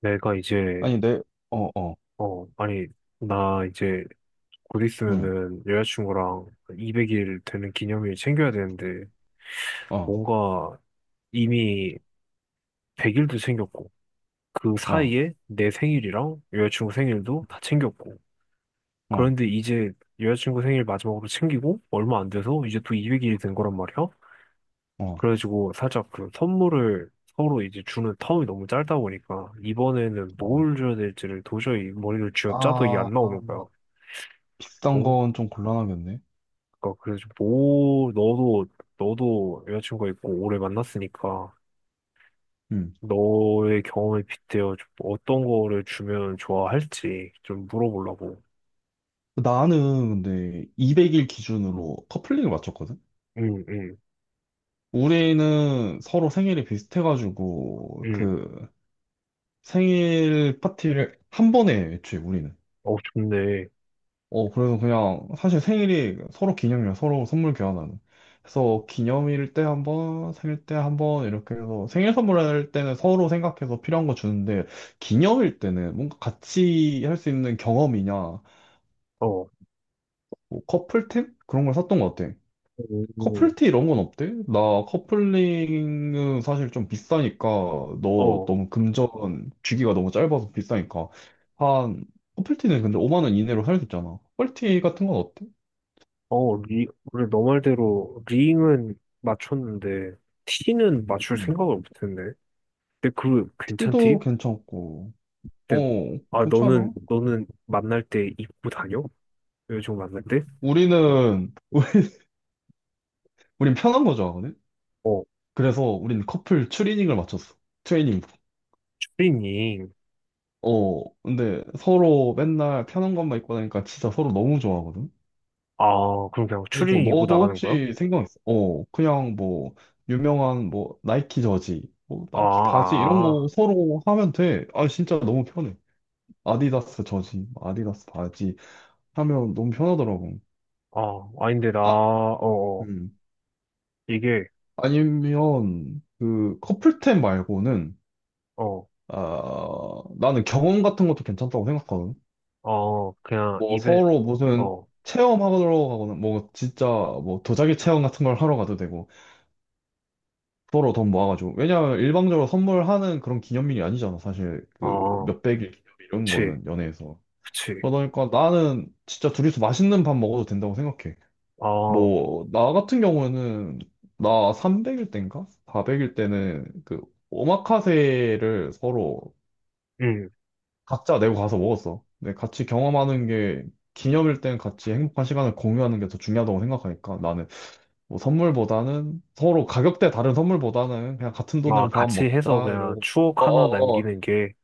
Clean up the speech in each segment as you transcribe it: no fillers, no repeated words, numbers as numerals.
내가 이제, 아니, 어, 어, 아니, 나 이제 곧 응, 있으면은 여자친구랑 200일 되는 기념일 챙겨야 되는데, 어, 뭔가 이미 100일도 챙겼고, 그 어, 사이에 내 생일이랑 여자친구 생일도 다 챙겼고, 어, 그런데 이제 여자친구 생일 마지막으로 챙기고, 얼마 안 돼서 이제 또 200일이 된 거란 말이야? 어, 그래가지고 살짝 그 선물을 서로 이제 주는 텀이 너무 짧다 보니까, 이번에는 어. 뭘 줘야 될지를 도저히 머리를 쥐어짜도 이게 안 아, 아. 나오는 거야. 비싼 건 좀 곤란하겠네. 그러니까 그래서 뭐 너도 여자친구가 있고 오래 만났으니까 음. 너의 경험에 빗대어 좀 어떤 거를 주면 좋아할지 좀 물어보려고. 나는 근데 200일 기준으로 커플링을 맞췄거든? 응, 응, 우리는 서로 생일이 비슷해가지고, 응. 그, 생일 파티를 한 번에 해, 애초에 우리는. 어, 좋네. 어, 그래서 그냥 사실 생일이 서로 기념이야. 서로 선물 교환하는. 그래서 기념일 때 한 번, 생일 때 한번 이렇게 해서 생일 선물할 때는 서로 생각해서 필요한 거 주는데 기념일 때는 뭔가 같이 할 수 있는 경험이냐, 뭐 어, 커플템? 그런 걸 샀던 것 같아. 음, 커플티 이런 건 어때? 나 커플링은 사실 좀 비싸니까 너 어, 너무 금전 주기가 너무 짧아서 비싸니까 한 커플티는 근데 5만 원 이내로 살 수 있잖아. 커플티 같은 건 어때? 어, 그래, 너 말대로 링은 맞췄는데 티는 맞출 생각을 못했네. 근데 그 티기도 괜찮디? 괜찮고, 어, 근데 아, 괜찮아. 너는 만날 때 입고 다녀? 여자친구 만날 때? 우리는, 우린 편한 거 좋아하거든? 어, 그래서 우린 커플 추리닝을 맞췄어. 트레이닝. 추리닝. 어, 근데 서로 맨날 편한 것만 입고 다니까 진짜 서로 너무 좋아하거든? 아, 그럼 그냥 그래서 추리 이고 너도 나가는 거야? 혹시 생각했어? 어, 그냥 뭐, 유명한 뭐, 나이키 저지, 뭐, 아, 나이키 바지 이런 아, 거 서로 하면 돼. 아, 진짜 너무 편해. 아디다스 저지, 아디다스 바지 하면 너무 편하더라고. 아, 아, 아닌데, 나, 아, 어, 어. 음. 이게, 아니면 그 커플템 말고는 어, 아 나는 경험 같은 것도 괜찮다고 생각하거든. 어, 뭐 서로 무슨 어, 체험하러 가거나 뭐 진짜 뭐 도자기 체험 같은 걸 하러 가도 되고 서로 돈 모아가지고 왜냐면 일방적으로 선물하는 그런 기념일이 아니잖아 사실 그 어, 몇백일 기념일 이런 그치, 거는 연애에서 그치, 그러다 보니까 나는 진짜 둘이서 맛있는 밥 먹어도 된다고 생각해. 어, 뭐, 나 같은 경우는, 나 300일 때인가? 400일 때는 그, 오마카세를 서로 음, 각자 내고 가서 먹었어. 근데 같이 경험하는 게, 기념일 땐 같이 행복한 시간을 공유하는 게 더 중요하다고 생각하니까 나는 뭐 선물보다는 서로 가격대 다른 선물보다는 그냥 같은 돈 아, 내고 밥 같이 해서 먹자 그냥 이러고 추억 하나 어어어 남기는 게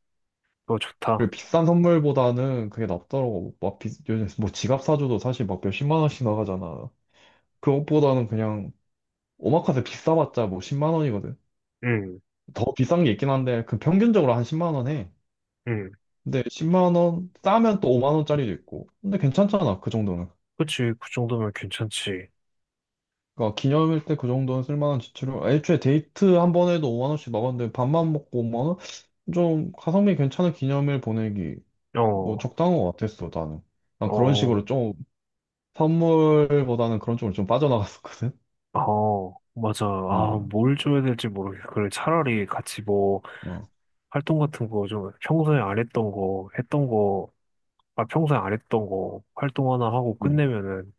더 좋다. 그리고 비싼 선물보다는 그게 낫더라고 막 요즘 뭐 지갑 사줘도 사실 막 몇십만 원씩 나가잖아 그것보다는 그냥 오마카세 비싸봤자 뭐 10만 원이거든. 음, 더 비싼 게 있긴 한데 그 평균적으로 한 10만 원 해. 음, 근데 10만 원 싸면 또 5만 원짜리도 있고. 근데 괜찮잖아 그 정도는. 그치, 그 정도면 괜찮지. 그러니까 기념일 때 그 정도는 쓸만한 지출을. 애초에 데이트 한 번에도 5만 원씩 나갔는데 밥만 먹고 5만 원? 좀 가성비 괜찮은 기념일 보내기 뭐 어, 적당한 것 같았어 나는. 난 그런 어, 식으로 좀 선물보다는 그런 쪽으로 좀 빠져나갔었거든. 어, 맞아. 아, 어. 뭘 줘야 될지 모르겠어. 그래, 차라리 같이 뭐, 어. 활동 같은 거 좀 평소에 안 했던 거, 했던 거, 아, 평소에 안 했던 거 활동 하나 하고 네. 끝내면은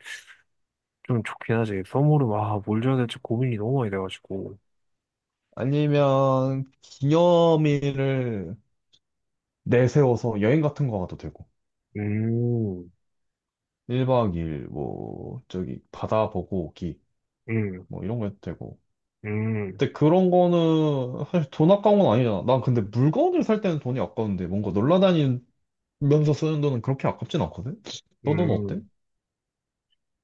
좀 좋긴 하지. 선물은 와, 뭘 줘야 될지 고민이 너무 많이 돼가지고. 아니면 기념일을 내세워서 여행 같은 거 가도 되고 음, 1박 2일 뭐 저기 바다 보고 오기 음, 뭐 이런 거 해도 되고 음, 근데 그런 거는 사실 돈 아까운 건 아니잖아 난 근데 물건을 살 때는 돈이 아까운데 뭔가 놀러 다니면서 쓰는 돈은 그렇게 아깝진 않거든 너 돈 어때? 음.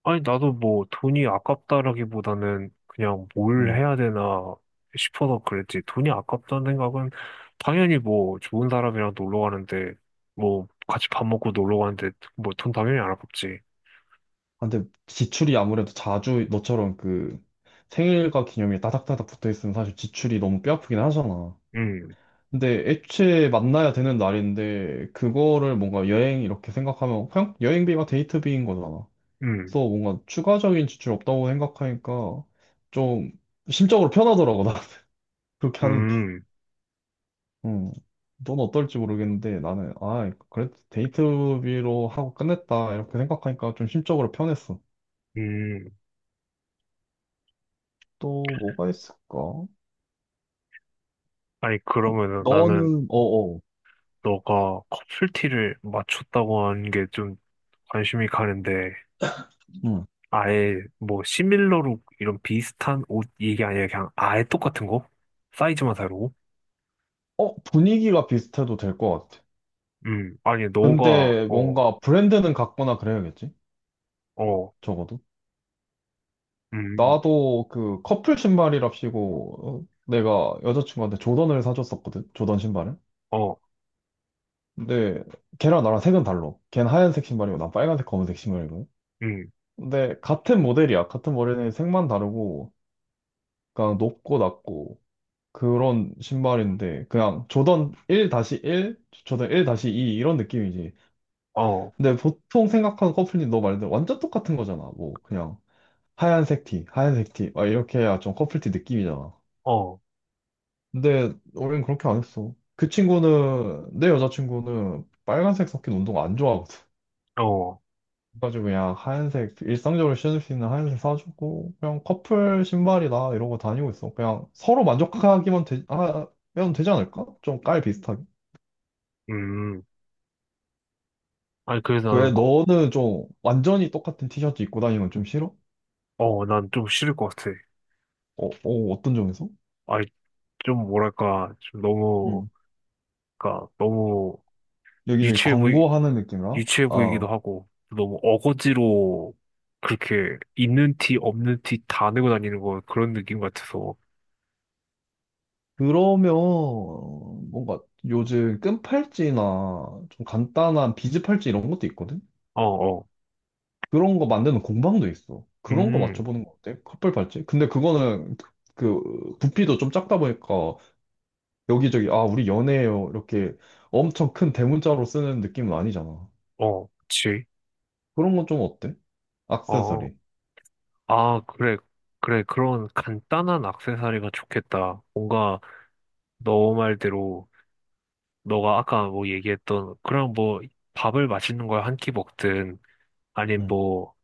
아니, 나도 뭐 돈이 아깝다라기보다는 그냥 뭘 응 해야 되나 싶어서 그랬지. 돈이 아깝다는 생각은 당연히 뭐 좋은 사람이랑 놀러 가는데 뭐 같이 밥 먹고 놀러 가는데 뭐 돈 당연히 안 아깝지. 아, 근데 지출이 아무래도 자주 너처럼 그 생일과 기념일이 따닥따닥 붙어 있으면 사실 지출이 너무 뼈 아프긴 하잖아 음, 근데 애초에 만나야 되는 날인데 그거를 뭔가 여행 이렇게 생각하면 그냥 여행비가 데이트비인 거잖아. 음, 그래서 뭔가 추가적인 지출이 없다고 생각하니까 좀 심적으로 편하더라고, 나 그렇게 하는 게. 음, 음. 넌 어떨지 모르겠는데 나는, 아, 그래도 데이트비로 하고 끝냈다. 이렇게 생각하니까 좀 심적으로 편했어. 음. 또 뭐가 있을까? 아니, 그러면은 나는 너는, 어어. 너가 커플티를 맞췄다고 하는 게 좀 관심이 가는데, 음. 아예 뭐 시밀러룩 이런 비슷한 옷 얘기 아니라 그냥 아예 똑같은 거? 사이즈만 다르고? 어, 분위기가 비슷해도 될 것 같아. 아니, 너가, 근데 어, 뭔가 브랜드는 같거나 그래야겠지? 어, 적어도. 음, 나도 그 커플 신발이랍시고 어, 내가 여자친구한테 조던을 사줬었거든. 조던 신발을. 어, 근데 걔랑 나랑 색은 달라. 걔는 하얀색 신발이고 난 빨간색 검은색 신발이거든. 음, 근데 같은 모델이야. 같은 모델는 색만 다르고 그냥 높고 낮고 그런 신발인데 그냥 조던 1-1, 조던 1-2 이런 느낌이지. 어, 근데 보통 생각하는 커플티 너 말대로 완전 똑같은 거잖아. 뭐 그냥 하얀색 티, 하얀색 티 막 이렇게 해야 좀 커플티 느낌이잖아. 어, 근데 우린 그렇게 안 했어. 그 친구는 내 여자친구는 빨간색 섞인 운동 안 좋아. 어, 그래가지고 그냥 하얀색 일상적으로 신을 수 있는 하얀색 사주고 그냥 커플 신발이다 이러고 다니고 있어. 그냥 서로 만족하기만 하면 되지 않을까? 좀 깔 비슷하게. 음. 아니, 그래서 왜 너는 좀 완전히 똑같은 티셔츠 입고 다니는 건 좀 싫어? 난 좀 싫을 것 같아. 어, 어, 어떤 점에서? 아니, 좀 뭐랄까, 좀 너무, 음. 그니까, 너무 여기저기 유치해 보이, 광고하는 느낌이라? 유치해 보이기도 아, 하고 너무 어거지로 그렇게 있는 티 없는 티 다 내고 다니는 거 그런 느낌 같아서 그러면 뭔가 요즘 끈 팔찌나 좀 간단한 비즈 팔찌 이런 것도 있거든? 어 어 그런 거 만드는 공방도 있어. 그런 거 음 맞춰보는 거 어때? 커플 팔찌? 근데 그거는 그 부피도 좀 작다 보니까 여기저기 아 우리 연애해요 이렇게 엄청 큰 대문자로 쓰는 느낌은 아니잖아. 어 그치 그런 건 좀 어때? 어아 액세서리. 그래 그래 그런 간단한 액세서리가 좋겠다. 뭔가 너 말대로 너가 아까 뭐 얘기했던 그런 뭐 밥을 맛있는 걸 한 끼 먹든 아니면 응, 뭐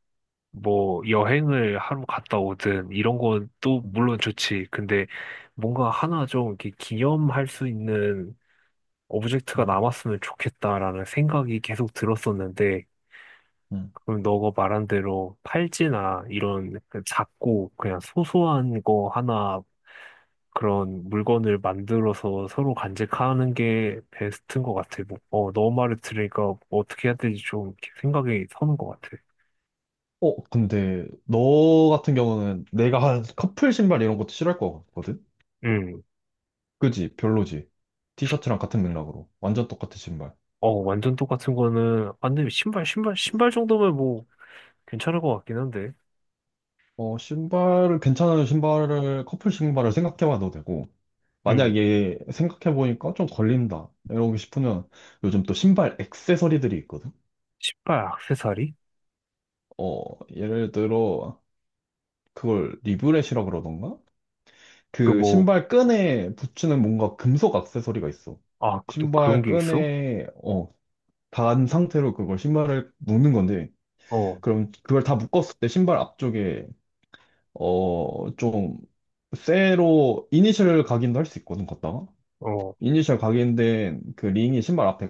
뭐 여행을 하러 갔다 오든 이런 건 또 응, 물론 좋지. 근데 뭔가 하나 좀 이렇게 기념할 수 있는 오브젝트가 응, 남았으면 좋겠다라는 생각이 계속 들었었는데 응. 그럼 너가 말한 대로 팔찌나 이런 그 작고 그냥 소소한 거 하나 그런 물건을 만들어서 서로 간직하는 게 베스트인 것 같아. 뭐, 어, 너 말을 들으니까 어떻게 해야 될지 좀 이렇게 생각이 서는 것 같아. 어 근데 너 같은 경우는 내가 한 커플 신발 이런 것도 싫어할 것 같거든? 그지? 별로지. 티셔츠랑 같은 맥락으로 완전 똑같은 신발. 어, 완전 똑같은 거는, 안 돼, 신발 정도면 뭐, 괜찮을 것 같긴 한데. 어 신발을 괜찮은 신발을 커플 신발을 생각해봐도 되고. 응, 만약에 생각해보니까 좀 걸린다. 이러고 싶으면 요즘 또 신발 액세서리들이 있거든? 신발, 액세서리? 어, 예를 들어, 그걸 리브렛이라 그러던가? 그 그 뭐, 신발 끈에 붙이는 뭔가 금속 액세서리가 있어. 아, 그 또 그런 신발 게 있어? 끈에, 어, 단 상태로 그걸 신발을 묶는 건데, 어, 그럼 그걸 다 묶었을 때 신발 앞쪽에, 어, 좀, 쇠로 이니셜 각인도 할 수 있거든, 걷다가. 어, 이니셜 각인된 그 링이 신발 앞에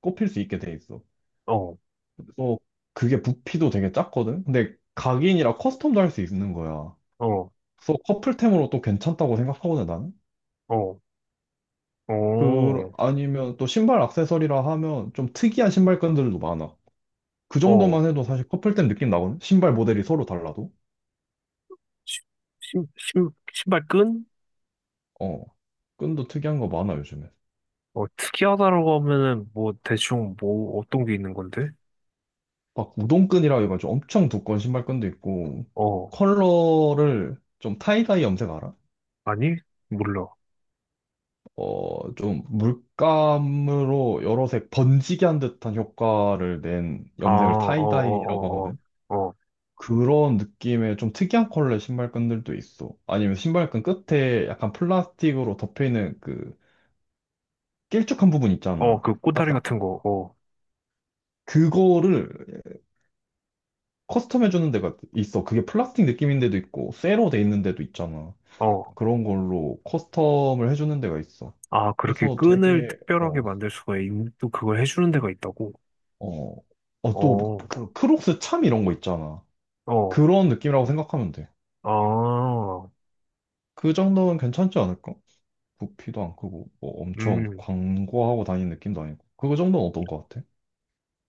꼽힐 수 있게 돼 있어. 어, 그래서 그게 부피도 되게 작거든? 근데 각인이라 커스텀도 할 수 있는 거야. 어, 그래서 커플템으로 또 괜찮다고 생각하거든, 나는? 어, 그, 어, 아니면 또 신발 액세서리라 하면 좀 특이한 신발끈들도 많아. 그 어, 정도만 해도 사실 커플템 느낌 나거든? 신발 모델이 서로 달라도. 신, 신발 끈? 어. 끈도 특이한 거 많아, 요즘에. 어, 특이하다라고 하면은, 뭐, 대충, 뭐, 어떤 게 있는 건데? 막 우동끈이라 해가지고 엄청 두꺼운 신발끈도 있고, 어, 컬러를 좀 타이다이 염색 알아? 아니? 몰라. 어, 좀 물감으로 여러 색 번지게 한 듯한 효과를 낸 아, 어, 염색을 타이다이라고 어, 어, 하거든. 어, 어, 그런 느낌의 좀 특이한 컬러의 신발끈들도 있어. 아니면 신발끈 끝에 약간 플라스틱으로 덮여있는 그 길쭉한 부분 어, 있잖아. 그 꼬다리 딱딱. 같은 거, 어, 그거를 커스텀해주는 데가 있어. 그게 플라스틱 느낌인 데도 있고, 쇠로 돼 있는 데도 있잖아. 어. 그런 걸로 커스텀을 해주는 데가 있어. 아, 그렇게 그래서 끈을 되게, 특별하게 어, 만들 수가 또 그걸 해주는 데가 있다고? 어, 어, 또, 어, 그, 크록스 참 이런 거 있잖아. 어, 그런 느낌이라고 생각하면 돼. 아, 그 정도는 괜찮지 않을까? 부피도 안 크고, 뭐 엄청 음, 광고하고 다니는 느낌도 아니고. 그 정도는 어떤 것 같아?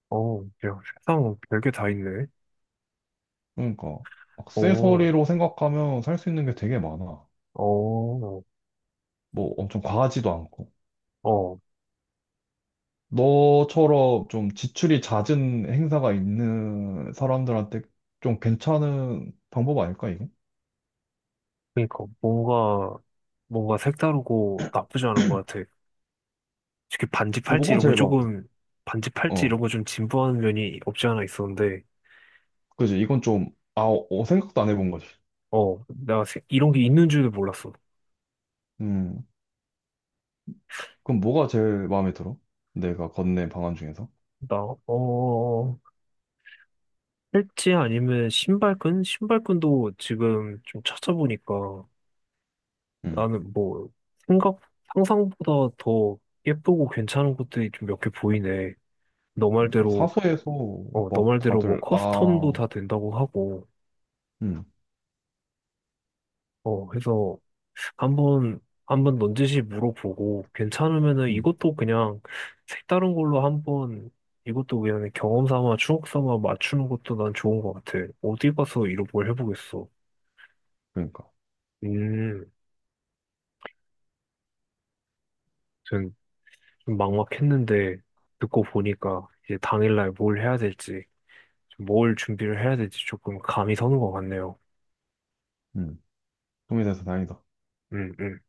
어, 야, 세상 별게 다 있네. 그러니까, 어, 액세서리로 생각하면 살 수 있는 게 되게 많아. 어, 뭐 엄청 과하지도 않고. 어, 너처럼 좀 지출이 잦은 행사가 있는 사람들한테 좀 괜찮은 방법 아닐까, 이게? 그러니까 뭔가 색다르고 나쁘지 않은 것 같아. 특히 뭐가 제일 많아? 반지 팔찌 어, 이런 거 좀 진부한 면이 없지 않아 있었는데, 그지. 이건 좀, 아, 어, 생각도 안 해본 거지. 어, 이런 게 있는 줄도 몰랐어. 음. 그럼 뭐가 제일 마음에 들어? 내가 건넨 방안 중에서? 나, 어, 어, 어. 팔찌 아니면 신발끈? 신발끈도 지금 좀 찾아보니까 음. 나는 뭐 생각, 상상보다 더 예쁘고 괜찮은 것들이 좀 몇 개 보이네. 너 말대로, 사서에서 어, 너 막 말대로 뭐 다들, 커스텀도 아, 다 된다고 하고, 음, 어, 해서 한번, 한번 넌지시 물어보고 괜찮으면은 음, 이것도 그냥 색다른 걸로 한번 이것도 그냥 경험 삼아 추억 삼아 맞추는 것도 난 좋은 것 같아. 어디 가서 이런 걸 해보겠어. 그러니까. 음. 좀 막막했는데 듣고 보니까 이제 당일날 뭘 해야 될지, 뭘 준비를 해야 될지 조금 감이 서는 것 같네요. 음. 도움이 돼서 다행이다. 음, 음.